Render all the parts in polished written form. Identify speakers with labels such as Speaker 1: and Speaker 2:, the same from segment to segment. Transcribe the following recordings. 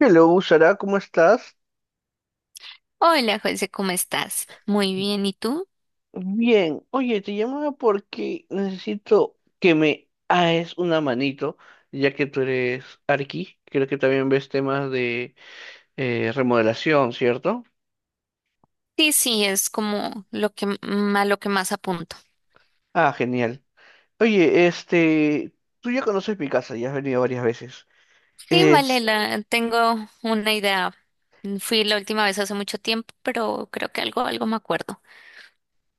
Speaker 1: Hello, Sara, ¿cómo estás?
Speaker 2: Hola, José, ¿cómo estás? Muy bien, ¿y tú?
Speaker 1: Bien, oye, te llamaba porque necesito que me hagas una manito, ya que tú eres arqui, creo que también ves temas de remodelación, ¿cierto?
Speaker 2: Sí, es como lo a lo que más apunto.
Speaker 1: Ah, genial. Oye, tú ya conoces mi casa, ya has venido varias veces.
Speaker 2: Sí, vale,
Speaker 1: Es,
Speaker 2: tengo una idea. Fui la última vez hace mucho tiempo, pero creo que algo me acuerdo.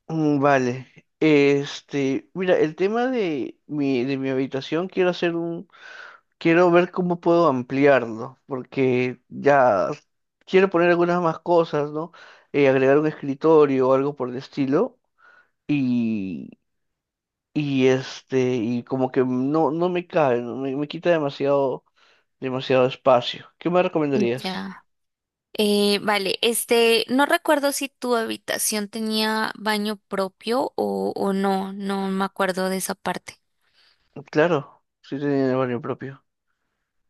Speaker 1: mm, vale, este, mira, el tema de mi habitación, quiero hacer un. Quiero ver cómo puedo ampliarlo, porque ya quiero poner algunas más cosas, ¿no? Agregar un escritorio o algo por el estilo. Y, y como que no me cabe, ¿no? Me quita demasiado espacio. ¿Qué me recomendarías?
Speaker 2: Ya. Vale, este, no recuerdo si tu habitación tenía baño propio o no, no me acuerdo de esa parte.
Speaker 1: Claro, sí tenía el barrio propio.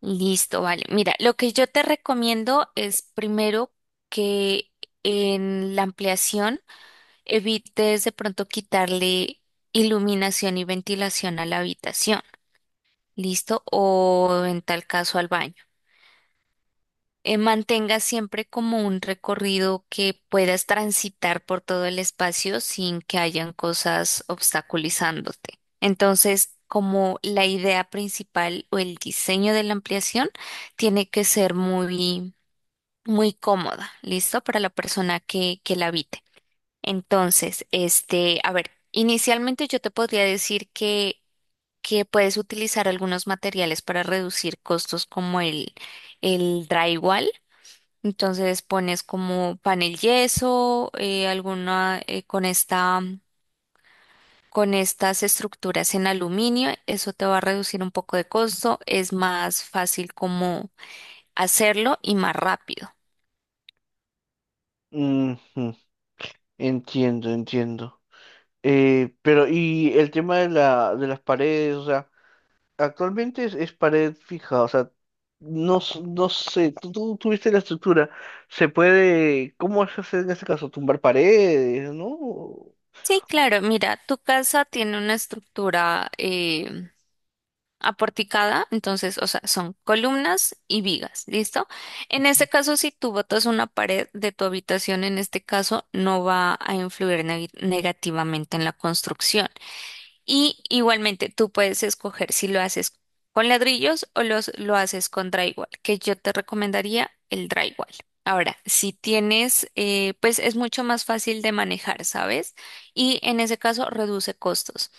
Speaker 2: Listo, vale. Mira, lo que yo te recomiendo es primero que en la ampliación evites de pronto quitarle iluminación y ventilación a la habitación, ¿listo? O en tal caso al baño. Mantenga siempre como un recorrido que puedas transitar por todo el espacio sin que hayan cosas obstaculizándote. Entonces, como la idea principal o el diseño de la ampliación tiene que ser muy cómoda, ¿listo? Para la que la habite. Entonces, este, a ver, inicialmente yo te podría decir que puedes utilizar algunos materiales para reducir costos como el drywall. Entonces pones como panel yeso, alguna con con estas estructuras en aluminio, eso te va a reducir un poco de costo, es más fácil como hacerlo y más rápido.
Speaker 1: Ujú, entiendo. Pero, y el tema de las paredes, o sea. Actualmente es pared fija, o sea, no, no sé, tú tuviste la estructura, se puede, ¿cómo se hace en este caso? Tumbar paredes, ¿no?
Speaker 2: Sí, claro, mira, tu casa tiene una estructura aporticada, entonces, o sea, son columnas y vigas, ¿listo? En este caso, si tú botas una pared de tu habitación, en este caso, no va a influir negativamente en la construcción. Y igualmente, tú puedes escoger si lo haces con ladrillos o lo haces con drywall, que yo te recomendaría el drywall. Ahora, si tienes, pues es mucho más fácil de manejar, ¿sabes? Y en ese caso reduce costos.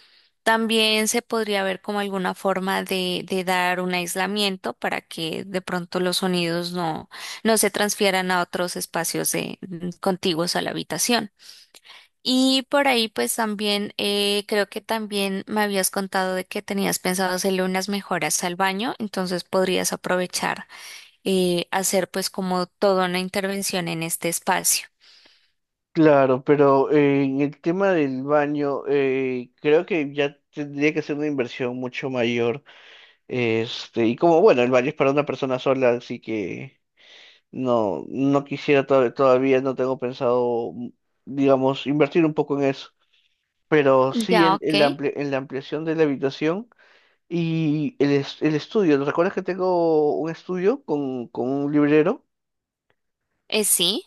Speaker 2: También se podría ver como alguna forma de dar un aislamiento para que de pronto los sonidos no se transfieran a otros espacios contiguos a la habitación. Y por ahí pues también creo que también me habías contado de que tenías pensado hacerle unas mejoras al baño, entonces podrías aprovechar hacer pues como toda una intervención en este espacio.
Speaker 1: Claro, pero en el tema del baño, creo que ya tendría que ser una inversión mucho mayor, este, y como, bueno, el baño es para una persona sola, así que no, no quisiera todavía, no tengo pensado, digamos, invertir un poco en eso, pero sí
Speaker 2: Ya, ok.
Speaker 1: en la en la ampliación de la habitación. Y el estudio, ¿te ¿recuerdas que tengo un estudio con un librero?
Speaker 2: Sí,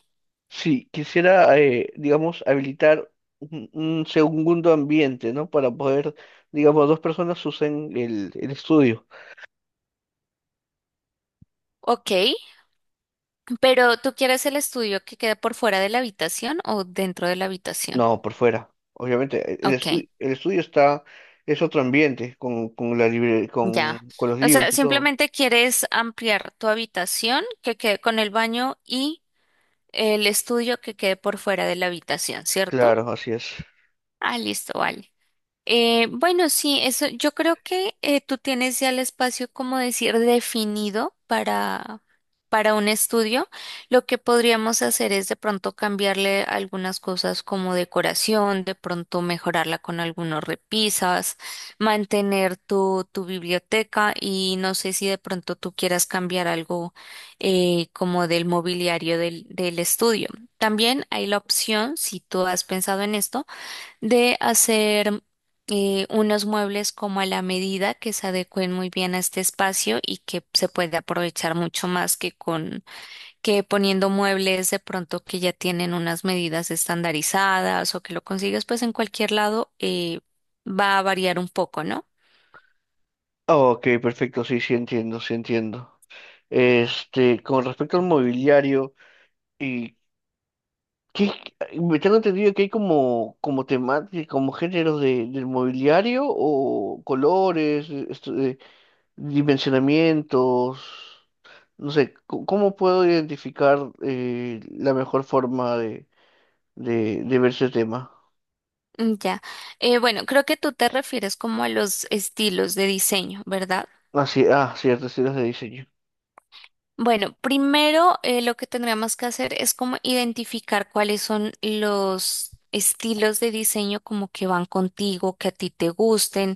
Speaker 1: Sí, quisiera, digamos, habilitar un segundo ambiente, ¿no? Para poder, digamos, dos personas usen el estudio.
Speaker 2: ok. Pero ¿tú quieres el estudio que quede por fuera de la habitación o dentro de la habitación?
Speaker 1: No, por fuera. Obviamente,
Speaker 2: Ok,
Speaker 1: el estudio está, es otro ambiente con la
Speaker 2: ya.
Speaker 1: con los
Speaker 2: O sea,
Speaker 1: libros y todo.
Speaker 2: simplemente quieres ampliar tu habitación que quede con el baño y el estudio que quede por fuera de la habitación, ¿cierto?
Speaker 1: Claro, así es.
Speaker 2: Ah, listo, vale. Bueno, sí, eso, yo creo que tú tienes ya el espacio, como decir, definido para un estudio. Lo que podríamos hacer es de pronto cambiarle algunas cosas como decoración, de pronto mejorarla con algunos repisas, mantener tu biblioteca y no sé si de pronto tú quieras cambiar algo como del mobiliario del estudio. También hay la opción, si tú has pensado en esto, de hacer unos muebles como a la medida que se adecuen muy bien a este espacio y que se puede aprovechar mucho más que con que poniendo muebles de pronto que ya tienen unas medidas estandarizadas o que lo consigues pues en cualquier lado va a variar un poco, ¿no?
Speaker 1: Ah, ok, perfecto, sí, sí entiendo, sí entiendo. Este, con respecto al mobiliario. Y ¿qué? Me tengo entendido que hay como, como temáticas, como géneros del mobiliario o colores, esto de dimensionamientos. No sé, ¿cómo puedo identificar la mejor forma de ver ese tema?
Speaker 2: Ya. Bueno, creo que tú te refieres como a los estilos de diseño, ¿verdad?
Speaker 1: Así, ah, ciertas ideas de diseño.
Speaker 2: Bueno, primero lo que tendríamos que hacer es como identificar cuáles son los estilos de diseño como que van contigo, que a ti te gusten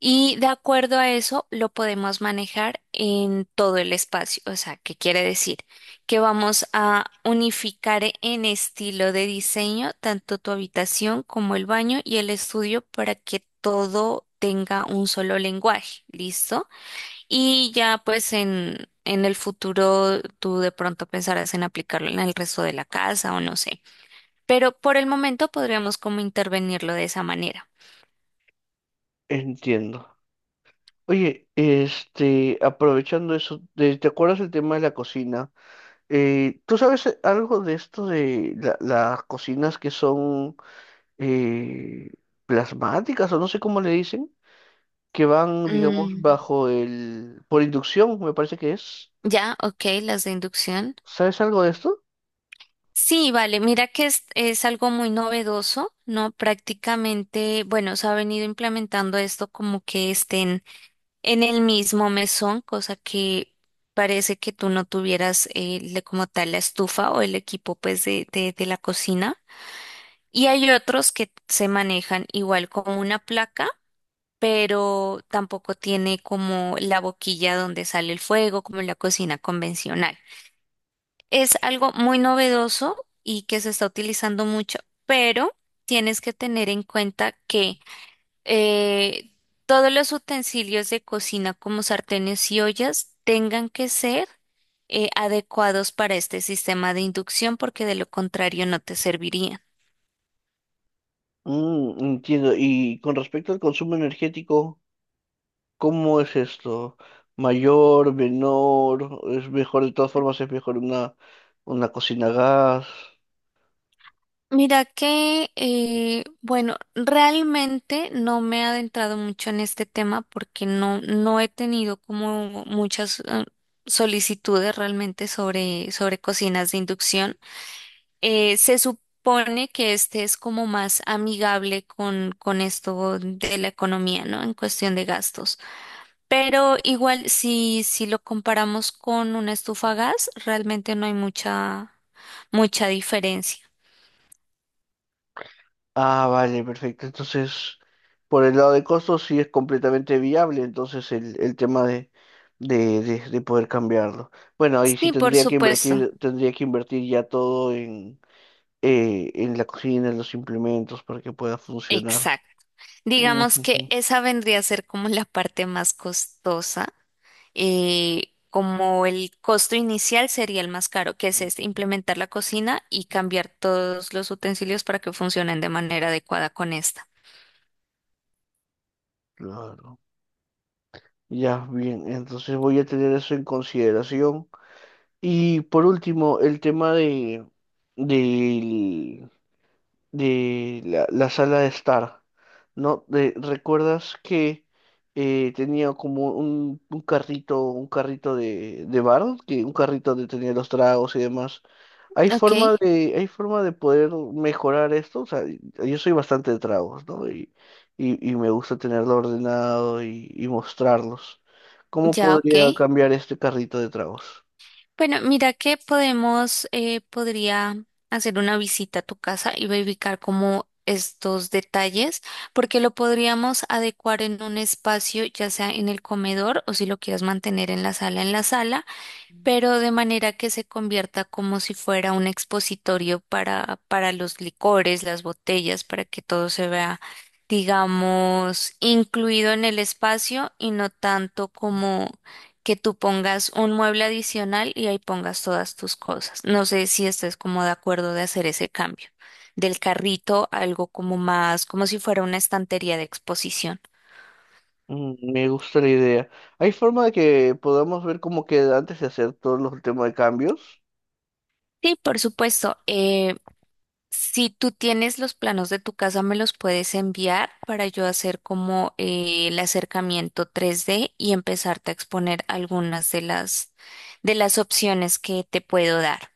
Speaker 2: y de acuerdo a eso lo podemos manejar en todo el espacio. O sea, ¿qué quiere decir? Que vamos a unificar en estilo de diseño tanto tu habitación como el baño y el estudio para que todo tenga un solo lenguaje. ¿Listo? Y ya pues en el futuro tú de pronto pensarás en aplicarlo en el resto de la casa o no sé. Pero por el momento podríamos como intervenirlo de esa manera.
Speaker 1: Entiendo. Oye, este, aprovechando eso, ¿te acuerdas el tema de la cocina? ¿Tú sabes algo de esto de las cocinas que son eh, plasmáticas o no sé cómo le dicen, que van, digamos,
Speaker 2: Mm,
Speaker 1: bajo el, por inducción, me parece que es.
Speaker 2: ya, ok, las de inducción.
Speaker 1: ¿Sabes algo de esto?
Speaker 2: Sí, vale, mira que es algo muy novedoso, ¿no? Prácticamente, bueno, se ha venido implementando esto como que estén en el mismo mesón, cosa que parece que tú no tuvieras como tal la estufa o el equipo pues de la cocina. Y hay otros que se manejan igual como una placa, pero tampoco tiene como la boquilla donde sale el fuego, como en la cocina convencional. Es algo muy novedoso y que se está utilizando mucho, pero tienes que tener en cuenta que eh, todos los utensilios de cocina como sartenes y ollas tengan que ser adecuados para este sistema de inducción porque de lo contrario no te servirían.
Speaker 1: Mm, entiendo. Y con respecto al consumo energético, ¿cómo es esto? ¿Mayor, menor? ¿Es mejor, de todas formas, es mejor una cocina a gas?
Speaker 2: Mira que, bueno, realmente no me he adentrado mucho en este tema porque no he tenido como muchas solicitudes realmente sobre cocinas de inducción. Se supone que este es como más amigable con esto de la economía, ¿no? En cuestión de gastos. Pero igual, si lo comparamos con una estufa a gas, realmente no hay mucha diferencia.
Speaker 1: Ah, vale, perfecto. Entonces, por el lado de costos sí es completamente viable, entonces el tema de poder cambiarlo. Bueno, ahí sí
Speaker 2: Sí, por supuesto.
Speaker 1: tendría que invertir ya todo en la cocina, en los implementos para que pueda funcionar.
Speaker 2: Exacto. Digamos que
Speaker 1: Ujujú.
Speaker 2: esa vendría a ser como la parte más costosa. Eh, como el costo inicial sería el más caro, que es este, implementar la cocina y cambiar todos los utensilios para que funcionen de manera adecuada con esta.
Speaker 1: Claro. Ya, bien, entonces voy a tener eso en consideración. Y por último, el tema de, del- de la sala de estar, ¿no? ¿Recuerdas que tenía como un carrito de bar, que un carrito donde tenía los tragos y demás? ¿Hay
Speaker 2: Ok,
Speaker 1: forma hay forma de poder mejorar esto? O sea, yo soy bastante de tragos, ¿no? Y me gusta tenerlo ordenado y mostrarlos. ¿Cómo
Speaker 2: ya ok.
Speaker 1: podría cambiar este carrito de tragos?
Speaker 2: Bueno, mira que podemos, podría hacer una visita a tu casa y verificar como estos detalles, porque lo podríamos adecuar en un espacio, ya sea en el comedor o si lo quieres mantener en la sala pero de manera que se convierta como si fuera un expositorio para los licores, las botellas, para que todo se vea, digamos, incluido en el espacio y no tanto como que tú pongas un mueble adicional y ahí pongas todas tus cosas. No sé si estés como de acuerdo de hacer ese cambio del carrito, a algo como más, como si fuera una estantería de exposición.
Speaker 1: Mm, me gusta la idea. ¿Hay forma de que podamos ver cómo queda antes de hacer todos los temas de cambios?
Speaker 2: Sí, por supuesto. Eh, si tú tienes los planos de tu casa, me los puedes enviar para yo hacer como el acercamiento 3D y empezarte a exponer algunas de las opciones que te puedo dar.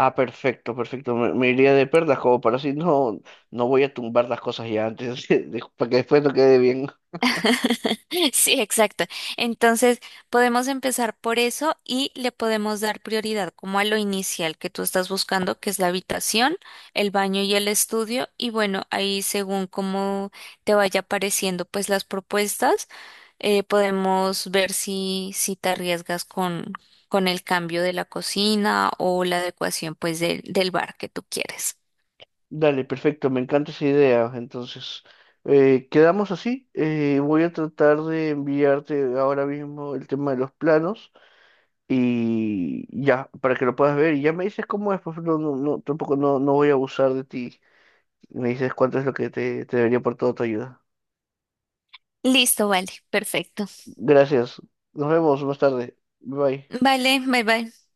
Speaker 1: Ah, perfecto, perfecto. Me iría de perlas como para así no, no voy a tumbar las cosas ya antes, para que después no quede bien.
Speaker 2: Sí, exacto. Entonces, podemos empezar por eso y le podemos dar prioridad como a lo inicial que tú estás buscando, que es la habitación, el baño y el estudio. Y bueno, ahí según cómo te vaya apareciendo pues las propuestas, podemos ver si te arriesgas con el cambio de la cocina o la adecuación pues del bar que tú quieres.
Speaker 1: Dale, perfecto, me encanta esa idea. Entonces, quedamos así. Voy a tratar de enviarte ahora mismo el tema de los planos y ya, para que lo puedas ver. Y ya me dices cómo es, pues no, no, no, tampoco no, no voy a abusar de ti. Me dices cuánto es lo que te debería por toda tu ayuda.
Speaker 2: Listo, vale, perfecto.
Speaker 1: Gracias. Nos vemos más tarde. Bye.
Speaker 2: Vale, bye bye.